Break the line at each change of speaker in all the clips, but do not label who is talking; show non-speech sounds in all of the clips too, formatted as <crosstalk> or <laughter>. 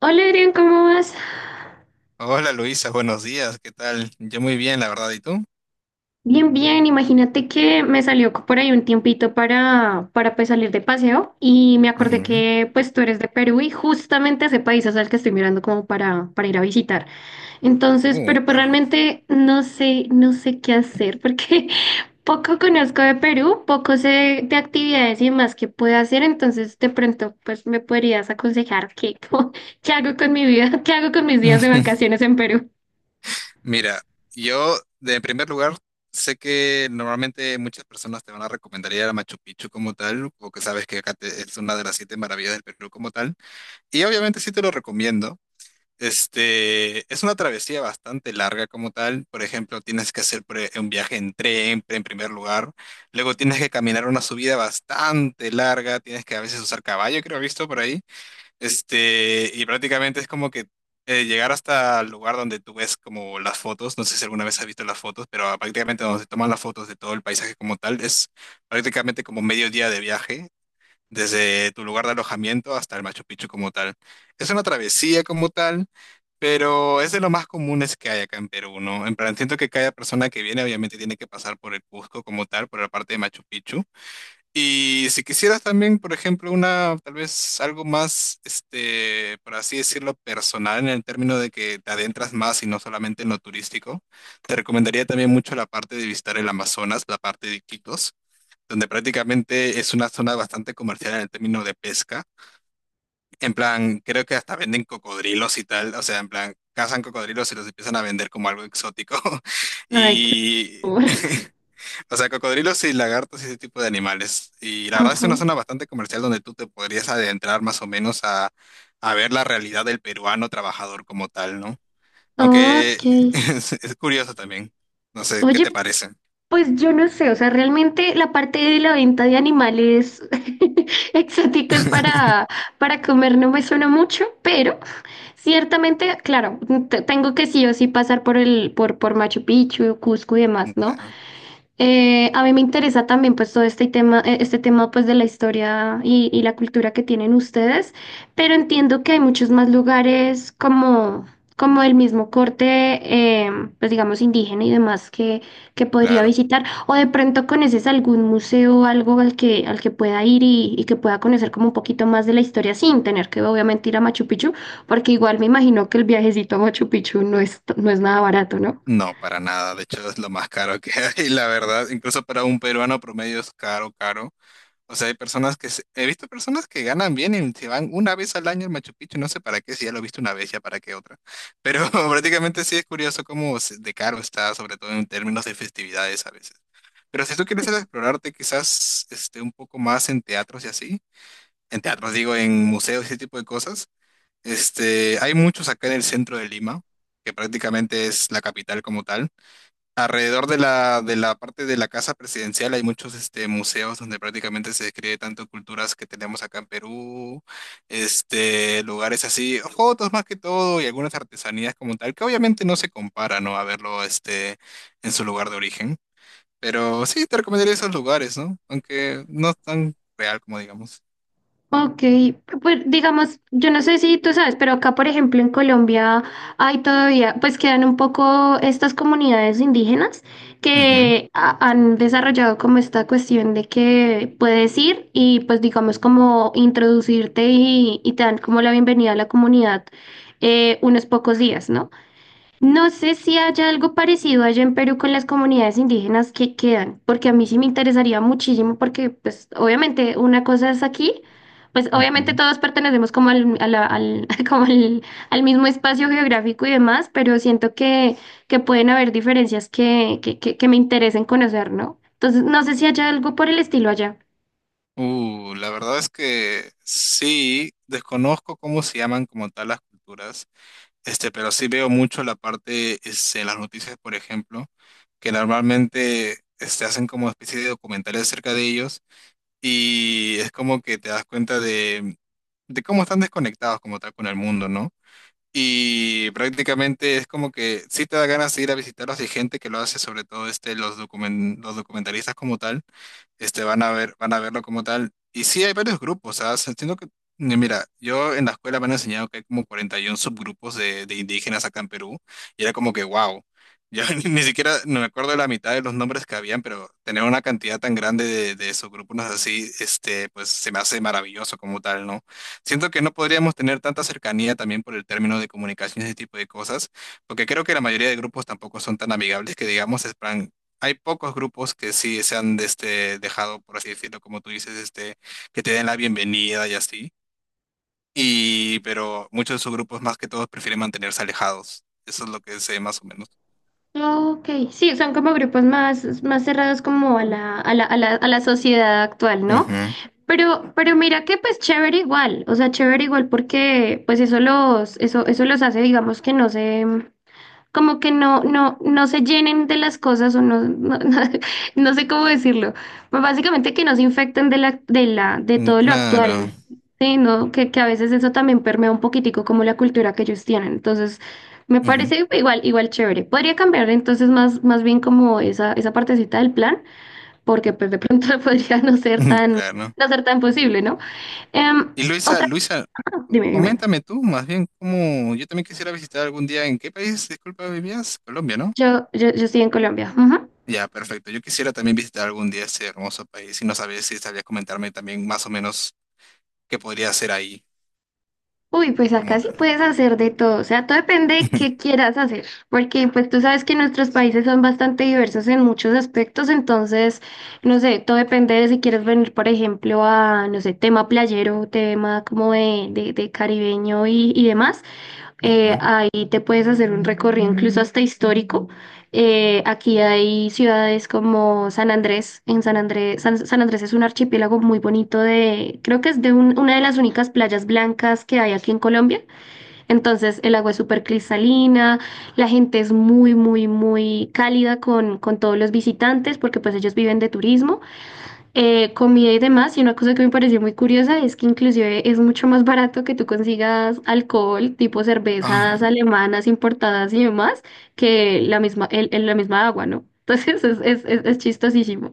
Hola Adrián, ¿cómo vas?
Hola Luisa, buenos días, ¿qué tal? Yo muy bien, la verdad, ¿y tú?
Bien, bien. Imagínate que me salió por ahí un tiempito para pues salir de paseo y me acordé
Ujú.
que pues tú eres de Perú y justamente ese país es el que estoy mirando como para ir a visitar. Entonces, pero pues
Claro.
realmente no sé qué hacer porque <laughs> poco conozco de Perú, poco sé de actividades y más que puedo hacer. Entonces, de pronto pues me podrías aconsejar qué, <laughs> qué hago con mi vida, qué hago con mis días de
<laughs>
vacaciones en Perú.
Mira, yo de en primer lugar sé que normalmente muchas personas te van a recomendar ir a Machu Picchu como tal, o que sabes que acá es una de las siete maravillas del Perú como tal, y obviamente sí te lo recomiendo. Este, es una travesía bastante larga como tal, por ejemplo, tienes que hacer un viaje en tren en primer lugar, luego tienes que caminar una subida bastante larga, tienes que a veces usar caballo, creo, he visto por ahí. Este, y prácticamente es como que llegar hasta el lugar donde tú ves como las fotos, no sé si alguna vez has visto las fotos, pero ah, prácticamente donde se toman las fotos de todo el paisaje como tal, es prácticamente como medio día de viaje, desde tu lugar de alojamiento hasta el Machu Picchu como tal. Es una travesía como tal, pero es de lo más comunes que hay acá en Perú, ¿no? En plan, siento que cada persona que viene obviamente tiene que pasar por el Cusco como tal, por la parte de Machu Picchu. Y si quisieras también, por ejemplo, una, tal vez algo más, este, por así decirlo, personal en el término de que te adentras más y no solamente en lo turístico, te recomendaría también mucho la parte de visitar el Amazonas, la parte de Iquitos, donde prácticamente es una zona bastante comercial en el término de pesca. En plan, creo que hasta venden cocodrilos y tal, o sea, en plan, cazan cocodrilos y los empiezan a vender como algo exótico. <laughs>
Ay, qué
Y
horror.
<laughs> O sea, cocodrilos y lagartos y ese tipo de animales. Y la verdad es
Ajá.
una zona bastante comercial donde tú te podrías adentrar más o menos a ver la realidad del peruano trabajador como tal, ¿no?
Ah,
Aunque
ok.
<laughs> es curioso también. No sé, ¿qué te
Oye,
parece?
pues yo no sé, o sea, realmente la parte de la venta de animales <laughs> exóticos para comer no me suena mucho, pero ciertamente, claro, tengo que sí o sí pasar por por Machu Picchu, Cusco y
Mm,
demás, ¿no?
claro,
A mí me interesa también pues todo este tema pues de la historia y la cultura que tienen ustedes, pero entiendo que hay muchos más lugares como el mismo corte, eh, pues digamos indígena y demás que podría
claro.
visitar, o de pronto conoces algún museo o algo al al que pueda ir y que pueda conocer como un poquito más de la historia sin tener que obviamente ir a Machu Picchu, porque igual me imagino que el viajecito a Machu Picchu no es nada barato, ¿no?
No, para nada. De hecho, es lo más caro que <laughs> hay, la verdad. Incluso para un peruano promedio es caro, caro. O sea, hay personas que, he visto personas que ganan bien y se van una vez al año al Machu Picchu, no sé para qué, si ya lo he visto una vez, ya para qué otra. Pero <laughs> prácticamente sí es curioso cómo de caro está, sobre todo en términos de festividades a veces. Pero si tú quieres explorarte quizás este, un poco más en teatros y así, en teatros digo, en museos y ese tipo de cosas, este, hay muchos acá en el centro de Lima, que prácticamente es la capital como tal. Alrededor de la, parte de la casa presidencial hay muchos este, museos donde prácticamente se describe tanto culturas que tenemos acá en Perú, este, lugares así, fotos más que todo y algunas artesanías como tal, que obviamente no se compara, ¿no? A verlo este, en su lugar de origen. Pero sí, te recomendaría esos lugares, ¿no? Aunque no es tan real como digamos.
Ok, pues digamos, yo no sé si tú sabes, pero acá, por ejemplo, en Colombia hay todavía, pues quedan un poco estas comunidades indígenas
Ujú.
que han desarrollado como esta cuestión de que puedes ir y pues digamos como introducirte y te dan como la bienvenida a la comunidad, unos pocos días, ¿no? No sé si haya algo parecido allá en Perú con las comunidades indígenas que quedan, porque a mí sí me interesaría muchísimo, porque pues obviamente una cosa es aquí, pues obviamente
Ujú.
todos pertenecemos como al, a la- al, <laughs> al mismo espacio geográfico y demás, pero siento que pueden haber diferencias que me interesen conocer, ¿no? Entonces, no sé si haya algo por el estilo allá.
La verdad es que sí, desconozco cómo se llaman como tal las culturas. Este, pero sí veo mucho la parte en las noticias, por ejemplo, que normalmente este, hacen como especie de documentales acerca de ellos y es como que te das cuenta de, cómo están desconectados como tal con el mundo, ¿no? Y prácticamente es como que sí te da ganas de ir a visitarlos y hay gente que lo hace, sobre todo este, los documentalistas como tal este, van a verlo como tal. Y sí, hay varios grupos, o sea, entiendo que, mira, yo en la escuela me han enseñado que hay como 41 subgrupos de, indígenas acá en Perú, y era como que, wow, yo <laughs> ni siquiera no me acuerdo de la mitad de los nombres que habían, pero tener una cantidad tan grande de subgrupos así, este, pues se me hace maravilloso como tal, ¿no? Siento que no podríamos tener tanta cercanía también por el término de comunicación y ese tipo de cosas, porque creo que la mayoría de grupos tampoco son tan amigables que digamos, es plan, hay pocos grupos que sí se han de este, dejado, por así decirlo, como tú dices, este, que te den la bienvenida y así. Y, pero muchos de esos grupos, más que todos, prefieren mantenerse alejados. Eso es lo que sé más o menos.
Ok, sí, son como grupos más, más cerrados como a a la sociedad actual, ¿no?
Ujú.
Pero mira que pues chévere igual, o sea, chévere igual porque pues eso los hace, digamos que no se, como que no se llenen de las cosas o <laughs> no, no sé cómo decirlo, pues básicamente que no se infecten de de
Mm,
todo lo actual,
claro.
sí, no, que a veces eso también permea un poquitico como la cultura que ellos tienen, entonces me
Ujú.
parece igual, igual chévere. Podría cambiar entonces más, más bien como esa partecita del plan porque pues de pronto <laughs> podría no ser
<laughs>
tan,
Claro.
no ser tan posible, ¿no? Em,
Y Luisa,
otra,
Luisa,
ah, dime, dime, dime.
coméntame tú más bien cómo yo también quisiera visitar algún día. ¿En qué país, disculpa, vivías? Colombia, ¿no?
Yo estoy en Colombia. Ujú.
Ya, perfecto. Yo quisiera también visitar algún día ese hermoso país y no sabía si sabías comentarme también más o menos qué podría hacer ahí
Uy, pues
como
acá sí
tal.
puedes hacer de todo, o sea, todo depende de qué
<laughs>
quieras hacer, porque pues tú sabes que nuestros países son bastante diversos en muchos aspectos, entonces, no sé, todo depende de si quieres venir, por ejemplo, a, no sé, tema playero, tema como de caribeño y demás,
Ujú.
ahí te puedes hacer un recorrido incluso hasta histórico. Aquí hay ciudades como San Andrés. En San Andrés, San Andrés es un archipiélago muy bonito de, creo que es de una de las únicas playas blancas que hay aquí en Colombia. Entonces el agua es súper cristalina, la gente es muy, muy, muy cálida con todos los visitantes porque pues ellos viven de turismo, comida y demás. Y una cosa que me pareció muy curiosa es que inclusive es mucho más barato que tú consigas alcohol, tipo
Ah,
cervezas alemanas importadas y demás, que la misma, la misma agua, ¿no? <laughs> Entonces es chistosísimo.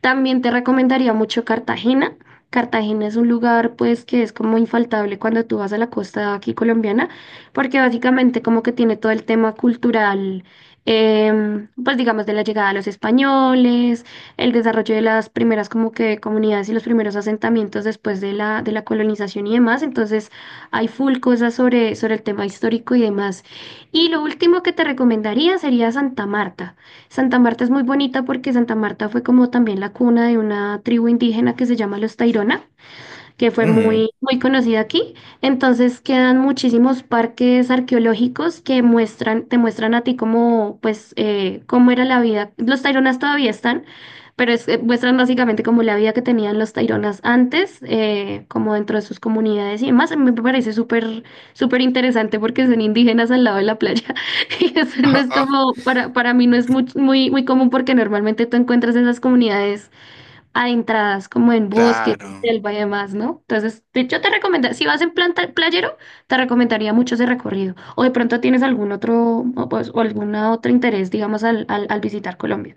También te recomendaría mucho Cartagena. Cartagena es un lugar pues que es como infaltable cuando tú vas a la costa aquí colombiana, porque básicamente como que tiene todo el tema cultural, em, pues digamos de la llegada de los españoles, el desarrollo de las primeras como que comunidades y los primeros asentamientos después de de la colonización y demás. Entonces hay full cosas sobre el tema histórico y demás. Y lo último que te recomendaría sería Santa Marta. Santa Marta es muy bonita porque Santa Marta fue como también la cuna de una tribu indígena que se llama los Tairona, que fue
ujú.
muy, muy conocida aquí. Entonces quedan muchísimos parques arqueológicos que muestran, te muestran a ti cómo, pues, cómo era la vida. Los Taironas todavía están, pero muestran básicamente como la vida que tenían los Taironas antes, como dentro de sus comunidades y demás. Me parece súper, súper interesante porque son indígenas al lado de la playa. <laughs> Y eso no
Ah,
es
ah,
como, para mí no es muy, muy, muy común porque normalmente tú encuentras esas comunidades adentradas como en bosques,
claro.
selva y demás, ¿no? Entonces, yo te recomendaría, si vas en plan playero, te recomendaría mucho ese recorrido. O de pronto tienes algún otro, o, pues, o algún otro interés, digamos, al visitar Colombia.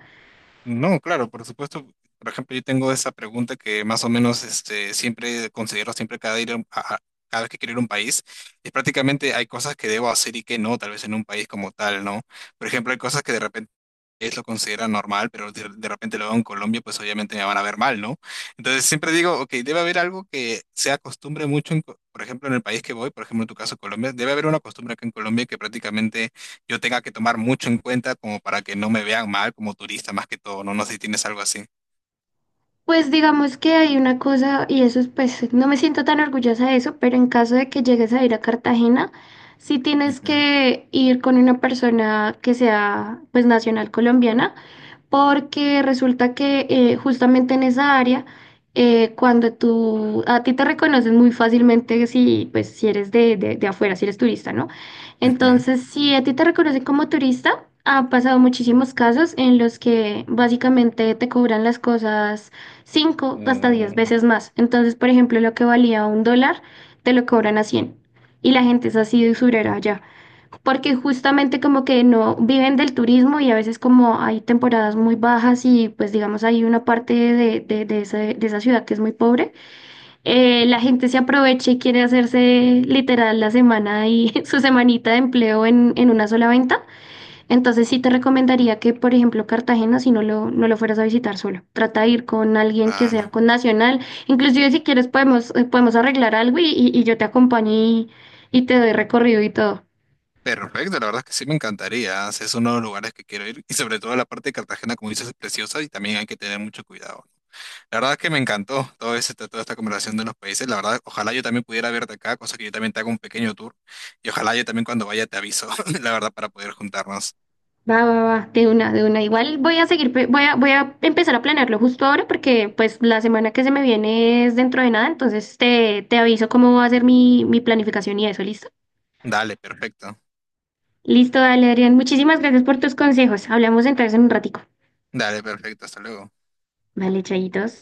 No, claro, por supuesto. Por ejemplo, yo tengo esa pregunta que más o menos este, siempre considero siempre cada, ir a, un- a- cada vez que quiero ir a un país. Y prácticamente hay cosas que debo hacer y que no, tal vez en un país como tal, ¿no? Por ejemplo, hay cosas que de repente lo considera normal, pero de, repente lo veo en Colombia, pues obviamente me van a ver mal, ¿no? Entonces siempre digo, ok, debe haber algo que se acostumbre mucho, por ejemplo, en el país que voy, por ejemplo, en tu caso, Colombia, debe haber una costumbre acá en Colombia que prácticamente yo tenga que tomar mucho en cuenta como para que no me vean mal como turista más que todo, ¿no? No sé si tienes algo así.
Pues digamos que hay una cosa, y eso es, pues, no me siento tan orgullosa de eso, pero en caso de que llegues a ir a Cartagena, sí tienes
Ujú,
que ir con una persona que sea, pues, nacional colombiana, porque resulta que justamente en esa área, cuando tú, a ti te reconocen muy fácilmente si, pues, si eres de afuera, si eres turista, ¿no?
ujú.
Entonces, si a ti te reconocen como turista, ha pasado muchísimos casos en los que básicamente te cobran las cosas cinco hasta diez
Mm,
veces más. Entonces, por ejemplo, lo que valía un dólar, te lo cobran a cien. Y la gente es así de usurera allá porque justamente como que no viven del turismo y a veces como hay temporadas muy bajas y pues digamos hay una parte de esa ciudad que es muy pobre, la gente se aprovecha y quiere hacerse literal la semana y <laughs> su semanita de empleo en una sola venta. Entonces sí te recomendaría que, por ejemplo, Cartagena, si no lo fueras a visitar solo, trata de ir con alguien que sea
claro.
con Nacional. Inclusive si quieres podemos, podemos arreglar algo y yo te acompaño y te doy recorrido y todo.
Perfecto, la verdad es que sí me encantaría. ¿Eh? Si es uno de los lugares que quiero ir y sobre todo la parte de Cartagena, como dices, es preciosa y también hay que tener mucho cuidado. La verdad que me encantó todo toda esta conversación de los países. La verdad, ojalá yo también pudiera verte acá, cosa que yo también te haga un pequeño tour. Y ojalá yo también cuando vaya te aviso, <laughs> la verdad, para poder juntarnos.
Va, va, va, de una, de una. Igual voy a seguir, voy a, voy a empezar a planearlo justo ahora porque pues la semana que se me viene es dentro de nada, entonces te aviso cómo va a ser mi, mi planificación y eso, ¿listo?
Dale, perfecto.
Listo, dale, Adrián. Muchísimas gracias por tus consejos. Hablamos entonces en un ratico.
Dale, perfecto. Hasta luego.
Vale, chayitos.